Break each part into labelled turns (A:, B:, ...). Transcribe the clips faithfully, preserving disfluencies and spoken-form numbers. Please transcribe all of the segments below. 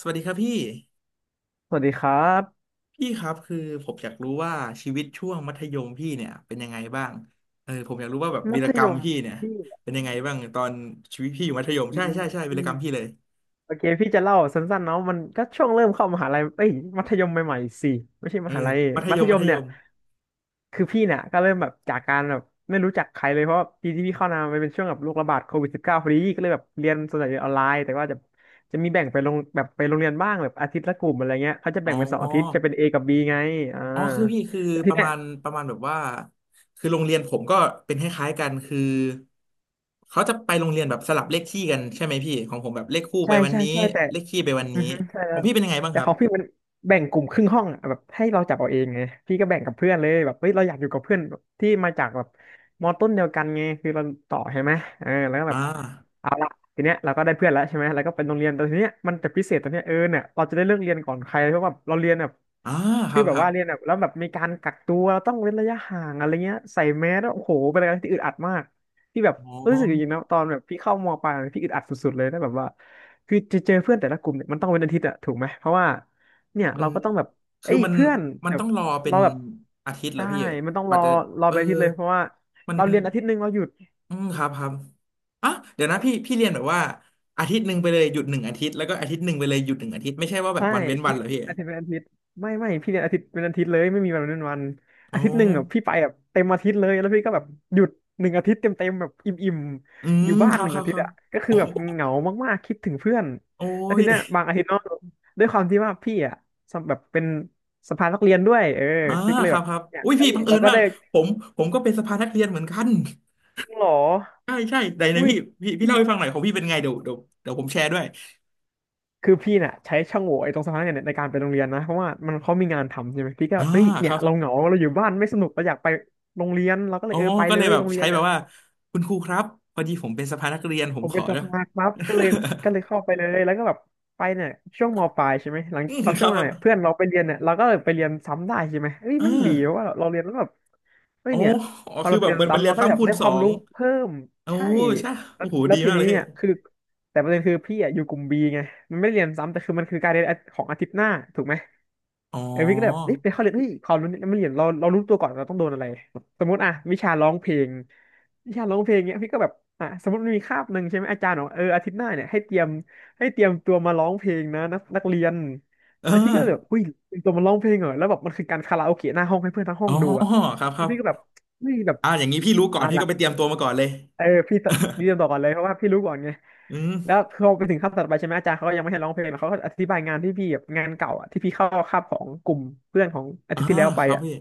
A: สวัสดีครับพี่
B: สวัสดีครับ
A: พี่ครับคือผมอยากรู้ว่าชีวิตช่วงมัธยมพี่เนี่ยเป็นยังไงบ้าง เออผมอยากรู้ว่าแบบวี
B: มั
A: ร
B: ธ
A: กร
B: ย
A: รม
B: ม
A: พี่เนี่ย
B: พี่
A: เป็นยังไงบ้างตอนชีวิตพี่อยู่มัธยม
B: อื
A: ใช่
B: ม
A: ใช่ใช่วี
B: อื
A: ร
B: ม
A: กรรมพี่เลย
B: โอเคพี่จะเล่าสั้นๆเนาะมันก็ช่วงเริ่มเข้ามหาลัยเอ้ยมัธยมใหม่ๆสิไม่ใช่
A: เอ
B: ม
A: อ
B: หาลัย
A: มัธ
B: มั
A: ย
B: ธ
A: ม
B: ย
A: มั
B: ม
A: ธย
B: เนี่ย
A: ม
B: คือพี่เนี่ยก็เริ่มแบบจากการแบบไม่รู้จักใครเลยเพราะว่าปีที่พี่เข้ามามันเป็นช่วงแบบโรคระบาดโควิดสิบเก้าพอดีก็เลยแบบเรียนส่วนใหญ่เรียนออนไลน์แต่ว่าจะจะมีแบ่งไปลงแบบไปโรงเรียนบ้างแบบอาทิตย์ละกลุ่มอะไรเงี้ยเขาจะ
A: อ๋
B: แบ่งเป็นสองอาทิตย์จะ
A: อ
B: เป็น เอ กับ บี ไงอ่า
A: อ๋อคือพี่คือ
B: แต่
A: ป
B: ที
A: ระ
B: เนี้
A: มา
B: ย
A: ณประมาณแบบว่าคือโรงเรียนผมก็เป็นคล้ายๆกันคือเขาจะไปโรงเรียนแบบสลับเลขที่กันใช่ไหมพี่ของผมแบบเลขคู่
B: ใช่
A: ไปวัน
B: ใช่
A: นี้
B: ใช่แต่
A: เลขคี่ไปวัน
B: อื
A: นี้
B: อฮึใช่
A: ข
B: ค
A: อง
B: รับ
A: พี่เป็นยังไงบ้าง
B: แต่
A: ครั
B: ข
A: บ
B: องพี่มันแบ่งกลุ่มครึ่งห้องอะแบบให้เราจับเอาเองไงพี่ก็แบ่งกับเพื่อนเลยแบบเฮ้ยเราอยากอยู่กับเพื่อนที่มาจากแบบมอต้นเดียวกันไงคือเราต่อใช่ไหมเออแล้วก็แบ
A: อ่า
B: บเอาละทีเนี้ยเราก็ได้เพื่อนแล้วใช่ไหมแล้วก็เป็นโรงเรียนแต่ทีเนี้ยมันจะพิเศษตรงเนี้ยเออเนี่ยเราจะได้เลือกเรียนก่อนใครเพราะว่าเราเรียนแบบ
A: อ่าค
B: คื
A: รั
B: อ
A: บ
B: แบ
A: ค
B: บ
A: รับ
B: ว่าเรียนแบบแล้วแบบมีการกักตัวเราต้องเว้นระยะห่างอะไรเงี้ยใส่แมสแล้วโอ้โหเป็นอะไรที่อึดอัดมาก พี่แบบ
A: อ๋อ
B: รู้สึกอย่างนี้นะตอนแบบพี่เข้ามปลายเนี่ยพี่อึดอัดสุดๆเลยนะแบบว่าคือจะเจอเพื่อนแต่ละกลุ่มเนี่ยมันต้องเป็นอาทิตย์อะถูกไหมเพราะว่าเนี่ย
A: มัน
B: เราก็ต้องแบบ
A: คื
B: เอ้
A: อ
B: ย
A: มัน
B: เพื่อน
A: มัน
B: แบ
A: ต้
B: บ
A: องรอเป็น
B: เราแบบ
A: อาทิตย์เหรอ
B: ใช่
A: พี่
B: มันต้อง
A: ก
B: ร
A: ว่า
B: อ
A: จะ
B: รอ
A: เออ
B: ไปอาทิตย์เลยเพราะว่า
A: มัน
B: เราเรียนอาทิตย์หนึ่งเราหยุด
A: อืมครับครับอ่ะเดี๋ยวนะพี่พี่เรียนแบบว่าอาทิตย์หนึ่งไปเลยหยุดหนึ่งอาทิตย์แล้วก็อาทิตย์หนึ่งไปเลยหยุดหนึ่งอาทิตย์ไม่ใช่ว่าแบบ
B: ใช่
A: วันเว้นวั
B: พี่
A: นเหรอพี่
B: อาทิตย์เป็นอาทิตย์ไม่ไม่พี่เรียนอาทิตย์เป็นอาทิตย์เลยไม่มีวันเป็นวัน
A: อ๋อ
B: อาทิตย์หนึ่งแบบพี่ไปแบบเต็มอาทิตย์เลยแล้วพี่ก็แบบหยุดหนึ่งอาทิตย์เต็มเต็มแบบอิ่มอิ่ม
A: อื
B: อ
A: ม
B: ยู่บ้า
A: ค
B: น
A: รั
B: ห
A: บ
B: นึ่ง
A: ครับ
B: อาทิ
A: ค
B: ต
A: รั
B: ย์
A: บ
B: อ่ะก็คื
A: โอ้
B: อแบ
A: โห
B: บเหงามากๆคิดถึงเพื่อน
A: โอ้
B: แล้ว
A: ย
B: ทีเนี้ยบางอาทิตย์เนอะด้วยความที่ว่าพี่อ่ะสำแบบเป็นสภานักเรียนด้วยเออ
A: อ่า
B: พี่ก็เล
A: ค
B: ย
A: รั
B: แบ
A: บ
B: บ
A: ครับ
B: เนี่ย
A: อุ้ย
B: เอ้
A: พี่
B: ย
A: บังเอิ
B: เรา
A: ญ
B: ก็
A: มาก
B: ได้
A: ผมผมก็เป็นสภานักเรียนเหมือนกัน
B: จริงเหรอ
A: ใช่ใช่ไหนไหน
B: อุ้ย
A: พี่พี่พี่เล่าให้ฟังหน่อยของพี่เป็นไงเดี๋ยวเดี๋ยวเดี๋ยวผมแชร์ด้วย
B: คือพี่เน่ยใช้ช่องโหว่ไอ้ตรงสะพานเนี่ยในการไปโรงเรียนนะเพราะว่ามันเขามีงานทำใช่ไหมพี่ก็
A: อ่า
B: เฮ้ย
A: ค
B: เนี่ย
A: รับ
B: เราเหงาเราอยู่บ้านไม่สนุกเราอยากไปโรงเรียนเราก็เล
A: อ๋อ
B: ยเออไป
A: ก็
B: เล
A: เลย
B: ย
A: แบบ
B: โรงเรี
A: ใช้
B: ยน
A: แบ
B: เนี่
A: บ
B: ย
A: ว่าคุณครูครับพอดีผมเป็นสภานักเรียนผ
B: ผ
A: ม
B: ม
A: ข
B: เป็
A: อ
B: นสะพาน ปั๊บก็เลยก็เลยเข้าไปเลยแล้วก็แบบไปเนี่ยช่วงมปลายใช่ไหมหลัง
A: อืม
B: เอา
A: ค
B: ช่ว
A: รั
B: ง
A: บ ค
B: มา
A: รั
B: เนี่ยเพื่อน
A: บ
B: เราไปเรียนเนี่ยเราก็เลยไปเรียนซ้ำได้ใช่ไหมเฮ้ย
A: เอ
B: มันดี
A: อ
B: ว่าเราเรียนแล้วแบบเฮ้
A: อ๋
B: ย
A: อ
B: เนี่ย
A: อ๋อ
B: พอ
A: คือ
B: เราไป
A: แบบ
B: เรีย
A: เห
B: น
A: มือนมัน
B: ซ้ำ
A: เรีย
B: เรา
A: น
B: ก็จะแบ
A: ซ้ำ
B: บ
A: คูณ
B: ได้
A: ส
B: ค
A: อ
B: วาม
A: ง
B: รู้เพิ่ม
A: โอ้
B: ใช่
A: ใช่
B: แล้ว
A: โอ้โห
B: แล้ว
A: ดี
B: ที
A: มากเล
B: นี้
A: ยพี่
B: อ่ะคือแต่ประเด็นคือพี่อ่ะอยู่กลุ่มบีไงมันไม่ได้เรียนซ้ำแต่คือมันคือการเรียนของอาทิตย์หน้าถูกไหม
A: อ๋อ
B: ไอ้วิกก็แบบเอ๊ะไปเข้าเรียนเฮ้ยความรู้เนี่ยมันเรียนเราเรารู้ตัวก่อนเราต้องโดนอะไรสมมติอ่ะวิชาร้องเพลงวิชาร้องเพลงเนี้ยพี่ก็แบบอ่ะสมมติมีคาบหนึ่งใช่ไหมอาจารย์บอกเอออาทิตย์หน้าเนี่ยให้เตรียมให้เตรียมตัวมาร้องเพลงนะนักนักเรียน
A: เอ
B: แล้วพี่ก็แบบ
A: อ
B: อุ้ยเตรียมตัวมาร้องเพลงเหรอแล้วแบบมันคือการคาราโอเกะหน้าห้องให้เพื่อนทั้งห้อ
A: อ๋อ
B: งดูอ่ะ
A: ครับค
B: แล้
A: รั
B: ว
A: บ
B: พี่ก็แบบเฮ้ยแบบ
A: อ่าอย่างนี้พี่รู้ก่อน
B: เอา
A: พี่
B: ละ
A: ก็ไปเตรียมตัวมาก่อนเลย
B: เออพี่เตรียมต่อก่อนเลยเพราะว่าพี่รู้ก่อนไง
A: อืม
B: แล้วพอไปถึงคาบถัดไปใช่ไหมอาจารย์เขาก็ยังไม่ให้ร้องเพลงเขาก็อธิบายงานที่พี่แบบงานเก่าอ่ะที่พี่เข้าคาบของกลุ่มเพื่อนของอาทิ
A: อ่า
B: ตย์ที่แล้วไป
A: ครับ
B: อ่ะ
A: พี่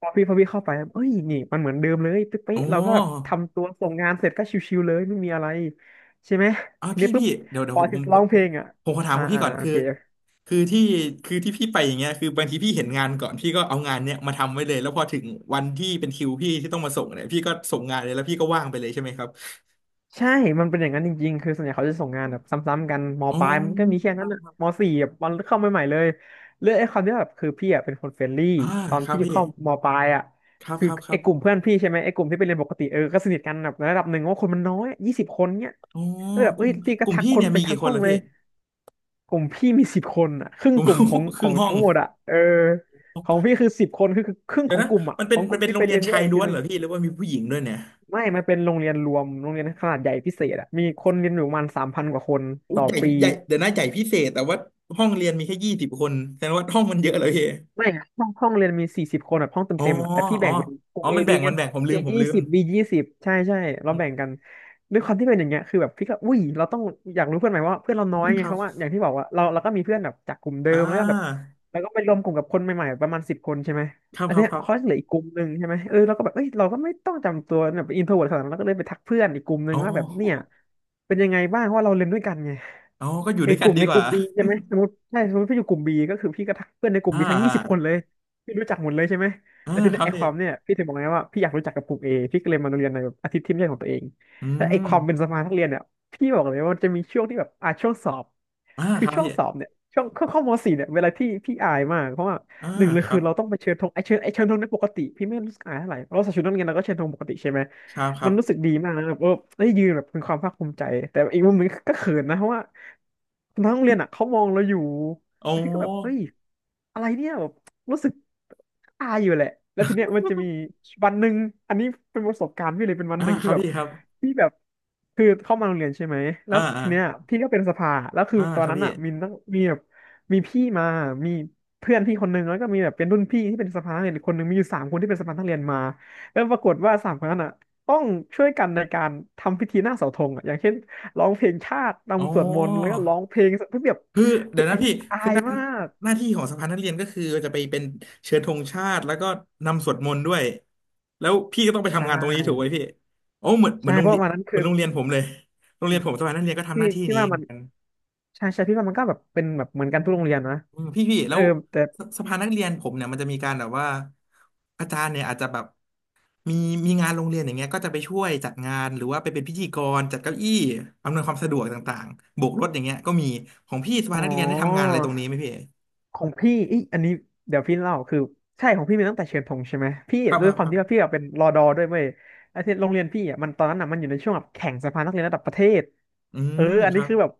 B: พอพี่พอพี่เข้าไปเอ้ยนี่มันเหมือนเดิมเลยตึ๊บ
A: อ๋
B: เป๊ะเราก็แบบ
A: อ
B: ทำตัวส่งงานเสร็จก็ชิวๆเลยไม่มีอะไรใช่ไหม
A: อ่า
B: ที
A: พี่
B: นี้ปุ๊บ
A: พี่เดี๋ยวเดี๋
B: พ
A: ยว
B: อ
A: ผม
B: ถึง
A: ผ
B: ร้อ
A: ม
B: งเพ
A: ผ
B: ล
A: ม
B: งอ่ะ
A: ผมขอถาม
B: อ่า
A: พวกพี่
B: อ่า
A: ก่อน
B: โอ
A: คือ
B: เค
A: คือที่คือที่พี่ไปอย่างเงี้ยคือบางทีพี่เห็นงานก่อนพี่ก็เอางานเนี้ยมาทำไว้เลยแล้วพอถึงวันที่เป็นคิวพี่ที่ต้องมาส่งเนี่ยพี่ก็ส่งงานเลยแล้วพี่ก็ว่างไปเลยใช่ไหมครับ
B: ใช่ มันเป็นอย่างนั้นจริงๆ คือส่วนใหญ่เขาจะส่งงานแบบซ้ำๆกันม
A: อ๋อ
B: ปลายมันก็มีแค่นั้นอะมสี่แบบมันเข้าใหม่ๆเลยเรื่องไอ้ความที่แบบคือพี่อะเป็นคนเฟรนลี่
A: อ่า
B: ตอน
A: ครับ
B: พี่
A: พี่
B: เข้ามปลายอะ
A: ครับ
B: คือ
A: ครับครั
B: ไอ้กลุ่ม
A: บ
B: เพื่อนพี่ใช่ไหมไอ้กลุ่มที่ไปเรียนปกติเออก็สนิทกันแบบในระดับหนึ่งว่าคนมันน้อยยี่สิบคนเนี้ย
A: อ๋อ
B: ก็แบบ
A: ก
B: เอ้
A: ลุ่
B: ย
A: ม
B: พี่ก็
A: กลุ่ม
B: ทัก
A: พี่
B: คน
A: เนี่ย
B: ไป
A: มี
B: ทั้
A: กี่
B: ง
A: ค
B: ห้
A: น
B: อง
A: ล่ะ
B: เล
A: พี่
B: ย กลุ่มพี่มีสิบคนอะครึ่
A: ก
B: ง
A: ลุ่ม
B: กลุ่มของ
A: ค
B: ข
A: รึ่
B: อ
A: ง
B: ง
A: ห้อง
B: ทั้งหมดอะเออของพี่คือสิบคนคือคือครึ่ง
A: เดี๋ย
B: ข
A: ว
B: อง
A: นะ
B: กลุ่มอะ
A: มัน
B: ข
A: เป็น
B: องก
A: มัน
B: ลุ่ม
A: เป็น
B: ที่
A: โร
B: ไป
A: งเรีย
B: เรี
A: น
B: ยนแย
A: ชา
B: ก
A: ย
B: อีก
A: ล้
B: ที
A: วนเห
B: นึ
A: ร
B: ง
A: อพี่หรือว่ามีผู้หญิงด้วยเนี่ย
B: ไม่มันเป็นโรงเรียนรวมโรงเรียนขนาดใหญ่พิเศษอะมีคนเรียนอยู่ประมาณสามพันกว่าคน
A: อุ้ย
B: ต่อ
A: ใหญ่
B: ปี
A: ใหญ่เดี๋ยวนะใหญ่พิเศษแต่ว่าห้องเรียนมีแค่ยี่สิบคนแสดงว่าห้องมันเยอะเลยพี่
B: ไม่อะห้องห้องเรียนมีสี่สิบคนแบบห้องเต็ม
A: อ๋อ
B: เต็มอะ
A: อ๋
B: แต่พี่แบ่
A: อ
B: งเป็นกลุ่
A: อ๋อ
B: ม A
A: มัน
B: B
A: แบ่ง
B: ไง
A: มันแบ่งผมลื
B: A
A: มผม
B: ยี่
A: ลืม
B: สิบ B ยี่สิบใช่ใช่เรา
A: อ
B: แบ่งกันด้วยความที่เป็นอย่างเงี้ยคือแบบพี่ก็อุ้ยเราต้องอยากรู้เพื่อนใหม่ว่าเพื่อนเราน้อ
A: ื
B: ย
A: ม
B: ไง
A: ครั
B: เพ
A: บ
B: ราะว่าอย่างที่บอกว่าเราเราก็มีเพื่อนแบบจากกลุ่มเดิ
A: อ่
B: มแล้วก็แบบ
A: า
B: แล้วก็ไปรวมกลุ่มกับคนใหม่ๆประมาณสิบคนใช่ไหม
A: ครับ
B: อัน
A: ครับ
B: เนี้ย
A: ครับ
B: เขาจะเหลืออีกกลุ่มหนึ่งใช่ไหมเออเราก็แบบเอ้ยเราก็ไม่ต้องจำตัวแบบอินโทรเวิร์ตขนาดนั้นเราก็เลยไปทักเพื่อนอีกกลุ่มหนึ่ง
A: อ๋อ
B: ว่าแบบเนี่ยเป็นยังไงบ้างเพราะว่าเราเรียนด้วยกันไง
A: อ๋อก็อยู่
B: ไอ้
A: ด้วย
B: ก
A: กัน
B: ลุ่ม
A: ดี
B: ใน
A: ก
B: ก
A: ว่า
B: ลุ่มบีใช่ไหมสมมติใช่สมมติพี่อยู่กลุ่มบีก็คือพี่ก็ทักเพื่อนในกลุ่ม
A: อ่า
B: บีทั้งยี่
A: อ่า
B: สิบคนเลยพี่รู้จักหมดเลยใช่ไหม
A: อ่า
B: แล้วที
A: ค
B: นี้
A: รับ
B: ไอ้ค
A: พี่
B: วามเนี่ยพี่ถึงบอกไงว่าพี่อยากรู้จักกับกลุ่มเอพี่ก็เลยมาเรียนในแบบอาทิตย์ที่ไม่ใช่ของตัวเอง
A: อื
B: แล้วไอ้
A: ม
B: ความเป็นสมาชิกนักเรียนเนี่ยพี่บอกเลยว่ามันจะมีช่วงที่แบบอ่ะช่วงสอบ
A: อ่า
B: คื
A: ค
B: อ
A: รับ
B: ช่วง
A: พี่
B: สอบเนี่ย ช่วงเข้าเข้ามสี่เนี่ยเวลาที่พี่อายมากเพราะว่า
A: อ่า
B: หนึ่งเลย
A: ครั
B: คือ
A: บ
B: เราต้องไปเชิญธงไอเชิญไอเชิญธงในยปกติพี่ไม่รู้สึกอายเท่าไหร่เราใส่ชุดนักเรียนเราก็เชิญธงปกติใช่ไหม
A: ครับครั
B: มัน
A: บ
B: รู้สึกดีมากนะแบบเออได้ยืนแบบเป็นความภาคภูมิใจแต่อีกมุมหนึงก็เขินนะเพราะว่าน้องโรงเรียนอ่ะเขามองเราอยู่
A: โอ้
B: แล้วพี่ก็แบบเฮ้ยอะไร รู้สึกอายอยู่แหละแล้วทีเนี้ยมันจะมีวันหนึ่งอันนี้เป็นประสบการณ์พี่เลยเป็นวัน
A: อ่า
B: หนึ่ง
A: ค
B: คือ
A: รับ
B: แบบ
A: พี่ครับ
B: พี่แบบคือเข้ามาโรงเรียนใช่ไหมแล้
A: อ่า
B: ว
A: อ่า
B: ทีเนี้ยพี่ก็เป็นสภาแล้วคือ
A: อ่า
B: ตอ
A: ค
B: น
A: รับ
B: นั้น
A: พี่
B: อ่ะมีนักมีแบบมีพี่มามีเพื่อนพี่คนหนึ่งแล้วก็มีแบบเป็นรุ่นพี่ที่เป็นสภาอีกคนหนึ่งมีอยู่สามคนที่เป็นสภานักเรียนมา แล้วปรากฏว่าสามคนนั้นอ่ะต้องช่วยกันในการทำพิธีหน้าเสาธงอ่ะอย่างเช่นร้องเพลงชาติ
A: อ๋อ
B: รำสวดมนต์แล้วก็ร้องเพลงเพื่อแบบ
A: คือ
B: เป็
A: เดี๋ย
B: น
A: ว
B: ไอ
A: นะพี่
B: ที่อา
A: คือ
B: ย
A: หน้า
B: มาก
A: หน้าที่ของสภานักเรียนก็คือจะไปเป็นเชิญธงชาติแล้วก็นำสวดมนต์ด้วยแล้วพี่ก็ต้องไป
B: ใช่
A: ทำงานตรงนี้ถูกไหมพี่โอ้เหมือนเหมือ
B: ใช่
A: นโรง
B: เพ
A: เรี
B: ราะ
A: ยน
B: วันนั้น
A: เหมื
B: คื
A: อ
B: อ
A: นโรงเรียนผมเลยโรง
B: อื
A: เรียน
B: ม
A: ผมสภานักเรียนก็ทำห
B: พี่
A: น้าที่
B: พี่
A: นี้
B: ว่า
A: เห
B: มั
A: มื
B: น
A: อนกัน
B: ใช่ใช่พี่ว่ามันก็แบบเป็นแบบเหมือนกันทุกโรงเรียนนะ
A: อืมพี่พี่
B: เอ
A: แล้
B: อ
A: ว
B: แต่
A: สสภานักเรียนผมเนี่ยมันจะมีการแบบว่าอาจารย์เนี่ยอาจจะแบบมีมีงานโรงเรียนอย่างเงี้ยก็จะไปช่วยจัดงานหรือว่าไปเป็นพิธีกรจัดเก้าอี้อำนวยความสะดวกต่างๆโบกรถอย่างเงี้ยก็มีของพี่ส
B: อ๋
A: ภา
B: อ
A: นักเรียนได้ทำงานอะไรตรงนี้ไหมพี่
B: ของพี่อีอันนี้เดี๋ยวพี่เล่าคือใช่ของพี่มีตั้งแต่เชิญธงใช่ไหมพี่
A: ครับ
B: ด้วยควา
A: ค
B: ม
A: รั
B: ที่ว่า
A: บ
B: พี่อะเป็นรอดอด้วยเว้ยไอ้ที่โรงเรียนพี่อ่ะมันตอนนั้นอ่ะมันอยู่ในช่วงแบบแข่งสภานักเรียนระดับประเทศ
A: อื
B: เออ
A: ม
B: อัน
A: ค
B: นี้
A: รับ
B: คือแบบ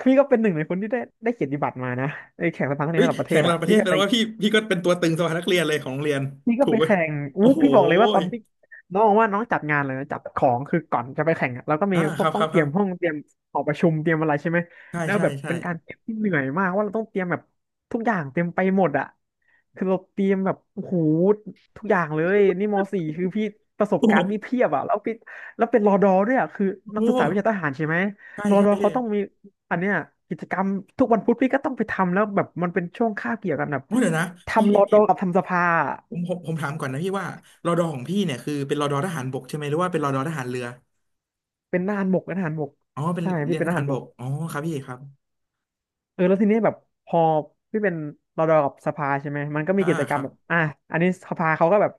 B: พี่ก็เป็นหนึ่งในคนที่ได้ได้เกียรติบัตรมานะไอ้แข่งสภานักเรีย
A: เฮ้
B: น
A: ย
B: ระดับประเท
A: แข่ง
B: ศ
A: ระ
B: อ่ะ
A: ดับประ
B: พี่
A: เทศ
B: ก็
A: แสด
B: ไป
A: งว่าพี่พี่ก็เป็นตัวตึงสภานักเรียนเลยของโรงเรียน
B: พี่ก็
A: ถูก
B: ไป
A: ไหม
B: แข่งอู้
A: โอ้โห
B: พี่บอกเลยว่าตอนพี่น้องว่าน้องจัดงานเลยนะจัดของคือก่อนจะไปแข่งอะเราก็มี
A: อ่า
B: พ
A: ค
B: ว
A: รั
B: ก
A: บ
B: ต้
A: ค
B: อ
A: รั
B: ง
A: บ
B: เต
A: ค
B: รี
A: รั
B: ย
A: บ
B: มห้องเตรียมหอประชุมเตรียมอะไรใช่ไหม
A: ใช่
B: แล้ว
A: ใช่
B: แบบ
A: ใช่
B: เป็นการเตรียมที่เหนื่อยมากว่าเราต้องเตรียมแบบทุกอย่างเตรียมไปหมดอะคือเราเตรียมแบบโอ้โหทุกอย่างเลยนี่มสี่คือพี่ประสบ
A: โอ้
B: กา
A: โห
B: รณ์นี่เพียบอะแล้วพี่แล้วเป็นรอดอด้วยอะคือ
A: โอ้
B: นั
A: โห
B: กศึกษาวิชาทหารใช่ไหม
A: ใช่
B: รอ
A: ใช่
B: ดอ
A: พี่
B: เขาต้องมีอันเนี้ยกิจกรรมทุกวันพุธพี่ก็ต้องไปทำแล้วแบบมันเป็นช่วงคาบเกี่ยวกันแบบ
A: โอ้เดี๋ยวนะพี่
B: ทำร
A: พี่
B: อด
A: พี่
B: อกับทำสภา
A: ผมผมผมถามก่อนนะพี่ว่ารอดอของพี่เนี่ยคือเป็นรอดอทหารบกใช่ไหมหรือว่าเป็นรอดอทหารเรือ
B: เป็นทหารบกเป็นทหารบก
A: อ๋อเป็น
B: ใช่
A: เรี
B: พี่
A: ยน
B: เป็น
A: ท
B: ท
A: หา
B: หา
A: ร
B: ร
A: บ
B: บก
A: กอ๋อครับพี่ครับ
B: เออแล้วทีนี้แบบพอพี่เป็นรอดอกับสภาใช่ไหมมันก็มี
A: อ่า
B: กิจก
A: ค
B: รร
A: รั
B: ม
A: บ
B: แบบอ่ะอันนี้สภาเขาก็แบบ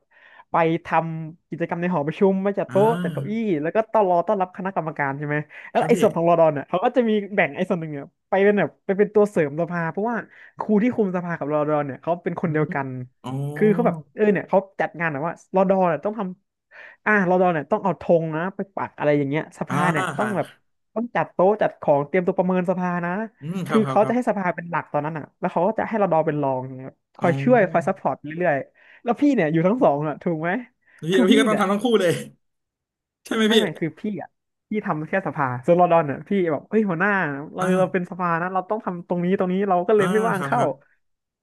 B: ไปทำกิจกรรมในหอประชุมมาจัด
A: อ่
B: โต๊ะจัดเก้าอี้
A: า
B: แล้วก็ต้อนรอต้อนรับคณะกรรมการใช่ไหมแล้
A: ค
B: ว
A: รับ
B: ไอ้
A: พี่
B: ส่วนของรอดอเนี่ยเขาก็จะมีแบ่งไอ้ส่วนหนึ่งเนี่ยไปเป็นแบบไปเป็นตัวเสริมสภาเพราะว่าครูที่คุมสภากับรอดอเนี่ยเขาเป็นค
A: อื
B: นเดียว
A: ม
B: กัน
A: อ๋อ
B: คือเขาแบบเออเนี่ยเขาจัดงานแบบว่ารอดอเนี่ยต้องทำอ่ะรอดอเนี่ยต้องเอาธงนะไปปักอะไรอย่างเงี้ยส
A: อ่า
B: ภาเนี่ยต้อ
A: ค่ะ
B: งแบบต้องจัดโต๊ะจัดของเตรียมตัวประเมินสภานะ
A: อืมครั
B: คื
A: บ
B: อ
A: ครับ
B: เขา
A: ครั
B: จะ
A: บ
B: ให้สภาเป็นหลักตอนนั้นอ่ะแล้วเขาก็จะให้เราดอเป็นรองอย่างเงี้ยค
A: อ๋อ
B: อยช่วยคอยซัพพอร์ตเรื่อยๆแล้วพี่เนี่ยอยู่ทั้งสองอ่ะถูกไหม
A: พี่
B: คือ
A: พี่
B: พี่
A: ก็ต้อง
B: เนี่ย
A: ทำทั้งคู่เลย ใช่
B: พี่
A: ไหม
B: ไม่
A: พี่
B: ไม่คือพี่อ่ะพี่ทำแค่สภาส่วนรอดอนเนี่ยพี่แบบเฮ้ยหัวหน้าเราเราเป็
A: อ่า
B: นสภานะเราต้องทำตรงนี้ตรงนี้เราก็เล
A: อ่า
B: ยไม่ว่า
A: ค
B: ง
A: รับค
B: เข้า
A: รับ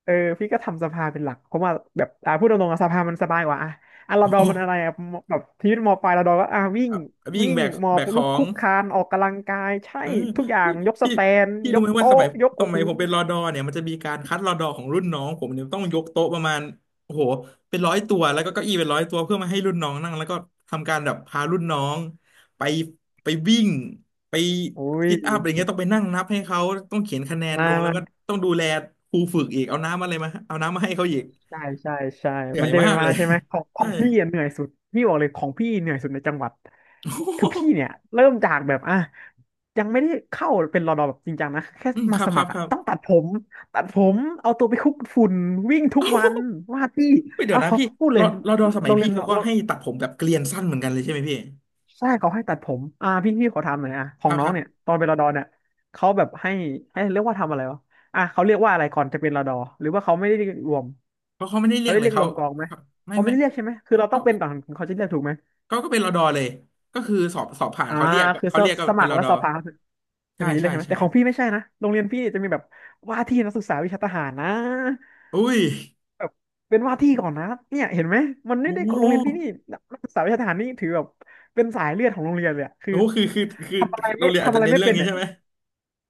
B: เออพี่ก็ทำสภาเป็นหลักเพราะว่าแบบอ่าพูดตรงๆอะสภามันสบายกว่าอ่ะอ่ะร
A: โอ
B: อดอนมันอะไร
A: ้
B: อ่ะมแบบชีวิตมอปลายรอดอนก็อ่ะวิ่ง
A: อ่ะวิ่ง
B: วิ่ง
A: แบก
B: หมอ
A: แบ
B: บ
A: กข
B: ลุ
A: อ
B: กค
A: ง
B: ลุกคลานออกกำลังกายใช่
A: เออ
B: ทุกอย่า
A: พี่
B: งยกส
A: พี่
B: แตน
A: พี่
B: ย
A: รู้
B: ก
A: ไหมว่าส
B: โต๊ะ
A: มัย
B: ยก
A: ส
B: โอ้
A: มั
B: โห
A: ยผมเป็นรอดอเนี่ยมันจะมีการคัดรอดอของรุ่นน้องผมเนี่ยต้องยกโต๊ะประมาณโอ้โหเป็นร้อยตัวแล้วก็เก้าอี้เป็นร้อยตัวเพื่อมาให้รุ่นน้องนั่งแล้วก็ทำการแบบพารุ่นน้องไปไปวิ่งไป
B: อุ้ย
A: ซิทอัพอะไรเงี้ยต้องไปนั่งนับให้เขาต้องเขียนคะแนนล
B: มา
A: งแล้ว
B: มา
A: ก็ต้องดูแลครูฝึกอีกเอาน้ำอะไรมาเอาน้ำมาให้เขาอีก
B: ใช่ใช่ใช่
A: เหนื่
B: มั
A: อ
B: น
A: ย
B: จะเป็
A: มา
B: นป
A: ก
B: ระมา
A: เล
B: ณ
A: ย
B: นั้นใช่ไหมของขอ
A: ใช่
B: งพี่อะเหนื่อยสุดพี่บอกเลยของพี่เหนื่อยสุดในจังหวัด
A: โอ้โห
B: คือพี่เนี่ยเริ่มจากแบบอ่ะยังไม่ได้เข้าเป็นรอดอแบบจริงจังนะแค่
A: อืมค
B: มา
A: รับ
B: ส
A: ครั
B: มั
A: บ
B: คร
A: ค
B: อ่ะ
A: รับ
B: ต้องตัดผมตัดผมเอาตัวไปคลุกฝุ่นวิ่งทุกวันว่าดที่
A: เฮ้ยเดี๋ย
B: เอา
A: วนะ
B: เขา
A: พี่
B: เขาพูดเล
A: รอ
B: ย
A: รอดอสมั
B: โร
A: ย
B: งเรี
A: พี่
B: ยน
A: เขา
B: เรา
A: ก็
B: เรา
A: ให้ตัดผมแบบเกลียนสั้นเหมือนกันเลยใช่ไหมพี่
B: ใช่เขาให้ตัดผมอ่าพี่พี่ขอถามหน่อยอ่ะข
A: ค
B: อง
A: รับ
B: น้
A: ค
B: อง
A: รับ
B: เนี่ยตอนเป็นรอดอเนี่ยเขาแบบให้ให้เรียกว่าทำอะไรวะอ่ะเขาเรียกว่าอะไรก่อนจะเป็นรดหรือว่าเขาไม่ได้รวม
A: เพราะเขาไม่ได้เรี
B: เขา
A: ยก
B: ได้
A: เล
B: เรี
A: ย
B: ยกร
A: เขา
B: วมกองไหม
A: เขาไม่
B: เขาไม่
A: ไม่
B: ได้เรียกใช่ไหมคือเราต้
A: ก็
B: องเป็นก่อนถึงเขาจะเรียกถูกไหม
A: เขาก็เป็นรอดอเลยก็คือสอบสอบผ่าน
B: อ่า
A: เขาเรียก
B: คือ
A: เขา
B: ส
A: เรียกก็
B: สมัคร
A: รอ
B: แล้ว
A: ดอ
B: สอบผ่านอั
A: ใช่
B: นนี้เลย
A: ใช่
B: ใช่ไหม
A: ใช่
B: แต่ของพี่ไม่ใช่นะโรงเรียนพี่จะมีแบบว่าที่นักศึกษาวิชาทหารนะ
A: อุ้ย
B: แบบเป็นว่าที่ก่อนนะเนี่ยเห็นไหมมันไม่
A: โอ้
B: ได้
A: โห
B: โรงเรียนพี่นี่นักนักศึกษาวิชาทหารนี่ถือแบบเป็นสายเลือดของโรงเรียนเลยอะคือ
A: โอ้โหคือคือคือ
B: ทำอะไร
A: โร
B: ไม่
A: งเรียนอาจ
B: ทำ
A: จะ
B: อะไร
A: เน้น
B: ไม่
A: เรื่อ
B: เป็
A: ง
B: น
A: นี้
B: เนี่ย
A: ใช่ไหม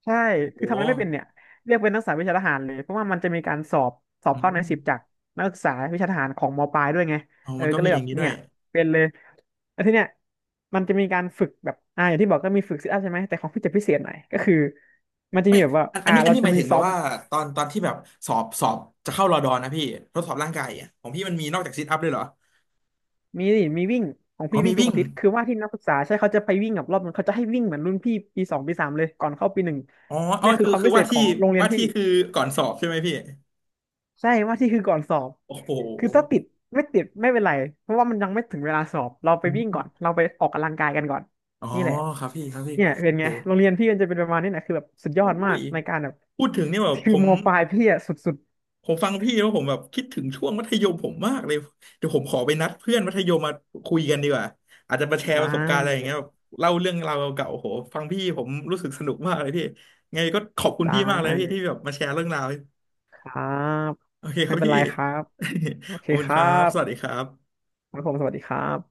B: ใช่
A: โอ้
B: คือทำ
A: โห
B: อะไรไม่เป็นเนี่ยเรียกเป็นนักศึกษาวิชาทหารเลยเพราะว่ามันจะมีการสอบสอบ
A: อื
B: เข้าในสิบจา
A: ม
B: กนักศึกษาวิชาทหารของมปลายด้วยไง
A: อ๋อ
B: เออ
A: มันก็
B: ก็เล
A: มี
B: ย
A: อ
B: แบ
A: ย่าง
B: บ
A: นี้ด้
B: เนี่
A: วย
B: ยเป็นเลยแล้วทีเนี้ยมันจะมีการฝึกแบบอ่าอย่างที่บอกก็มีฝึกซิทอัพใช่ไหมแต่ของพี่จะพิเศษหน่อยก็คือมันจะมีแบบว่า
A: อันอัน
B: อ่า
A: นี้อัน
B: เรา
A: นี้ห
B: จะ
A: มาย
B: มี
A: ถึงแบ
B: ซ้อ
A: บ
B: ม
A: ว่าตอนตอนที่แบบสอบสอบจะเข้ารอดอนะพี่ทดสอบร่างกายอ่ะของพี่มันมีนอกจากซิทอัพด้วยเหรอ
B: มีนี่มีวิ่งของ
A: อ๋อ
B: พี่วิ่
A: มี
B: งทุก
A: วิ่ง
B: อาทิตย์คือว่าที่นักศึกษาใช่เขาจะไปวิ่งกับรอบนึงเขาจะให้วิ่งเหมือนรุ่นพี่ปีสองปีสามเลยก่อนเข้าปีหนึ่ง
A: อ๋ออ๋อ
B: เนี่ยคือ
A: คือ
B: ความ
A: คือ
B: พิเศ
A: ว่า
B: ษขอ
A: ที่
B: งโรงเรีย
A: ว่า
B: นพี่
A: ที่คือก่อนสอบใช่ไหมพี่
B: ใช่ว่าที่คือก่อนสอบ
A: โอ้โห
B: คือถ้าติดไม่ติดไม่เป็นไรเพราะว่ามันยังไม่ถึงเวลาสอบเราไป
A: อ
B: วิ่งก่
A: ม
B: อนเราไปออกกำลังกายกันก่อน
A: อ๋อ
B: นี่แหละ
A: ครับพี่ครับพี่
B: เนี่ยเป็น
A: โอ้
B: ไง
A: โห
B: โรงเรียนพี่มันจะเป็นประมาณนี้แหละคือแบบสุดยอดมา
A: โอ้
B: ก
A: ย
B: ในการแบบ
A: พูดถึงเนี่ยแบบ
B: คื
A: ผ
B: อ
A: ม
B: มปลายพี่อะสุด
A: ผมฟังพี่แล้วผมแบบคิดถึงช่วงมัธยมผมมากเลยเดี๋ยวผมขอไปนัดเพื่อนมัธยมมาคุยกันดีกว่าอาจจะมาแช
B: ๆ
A: ร์
B: ได
A: ประสบการณ์อะไรอย่าง
B: ้
A: เงี้ยแบบเล่าเรื่องราวเก่าๆโอ้โหฟังพี่ผมรู้สึกสนุกมากเลยพี่ไงก็ขอบคุณ
B: ได
A: พี่มากเลยพี่ที่
B: ้
A: แบบมาแชร์เรื่องราว
B: ครับ
A: โอเคค
B: ไม่
A: รับ
B: เป็น
A: พี่
B: ไรครับโอ
A: ข
B: เค
A: อบคุณ
B: ค
A: ค
B: รั
A: รับ
B: บ
A: สวัสดีครับ
B: ครับผมสวัสดีครับ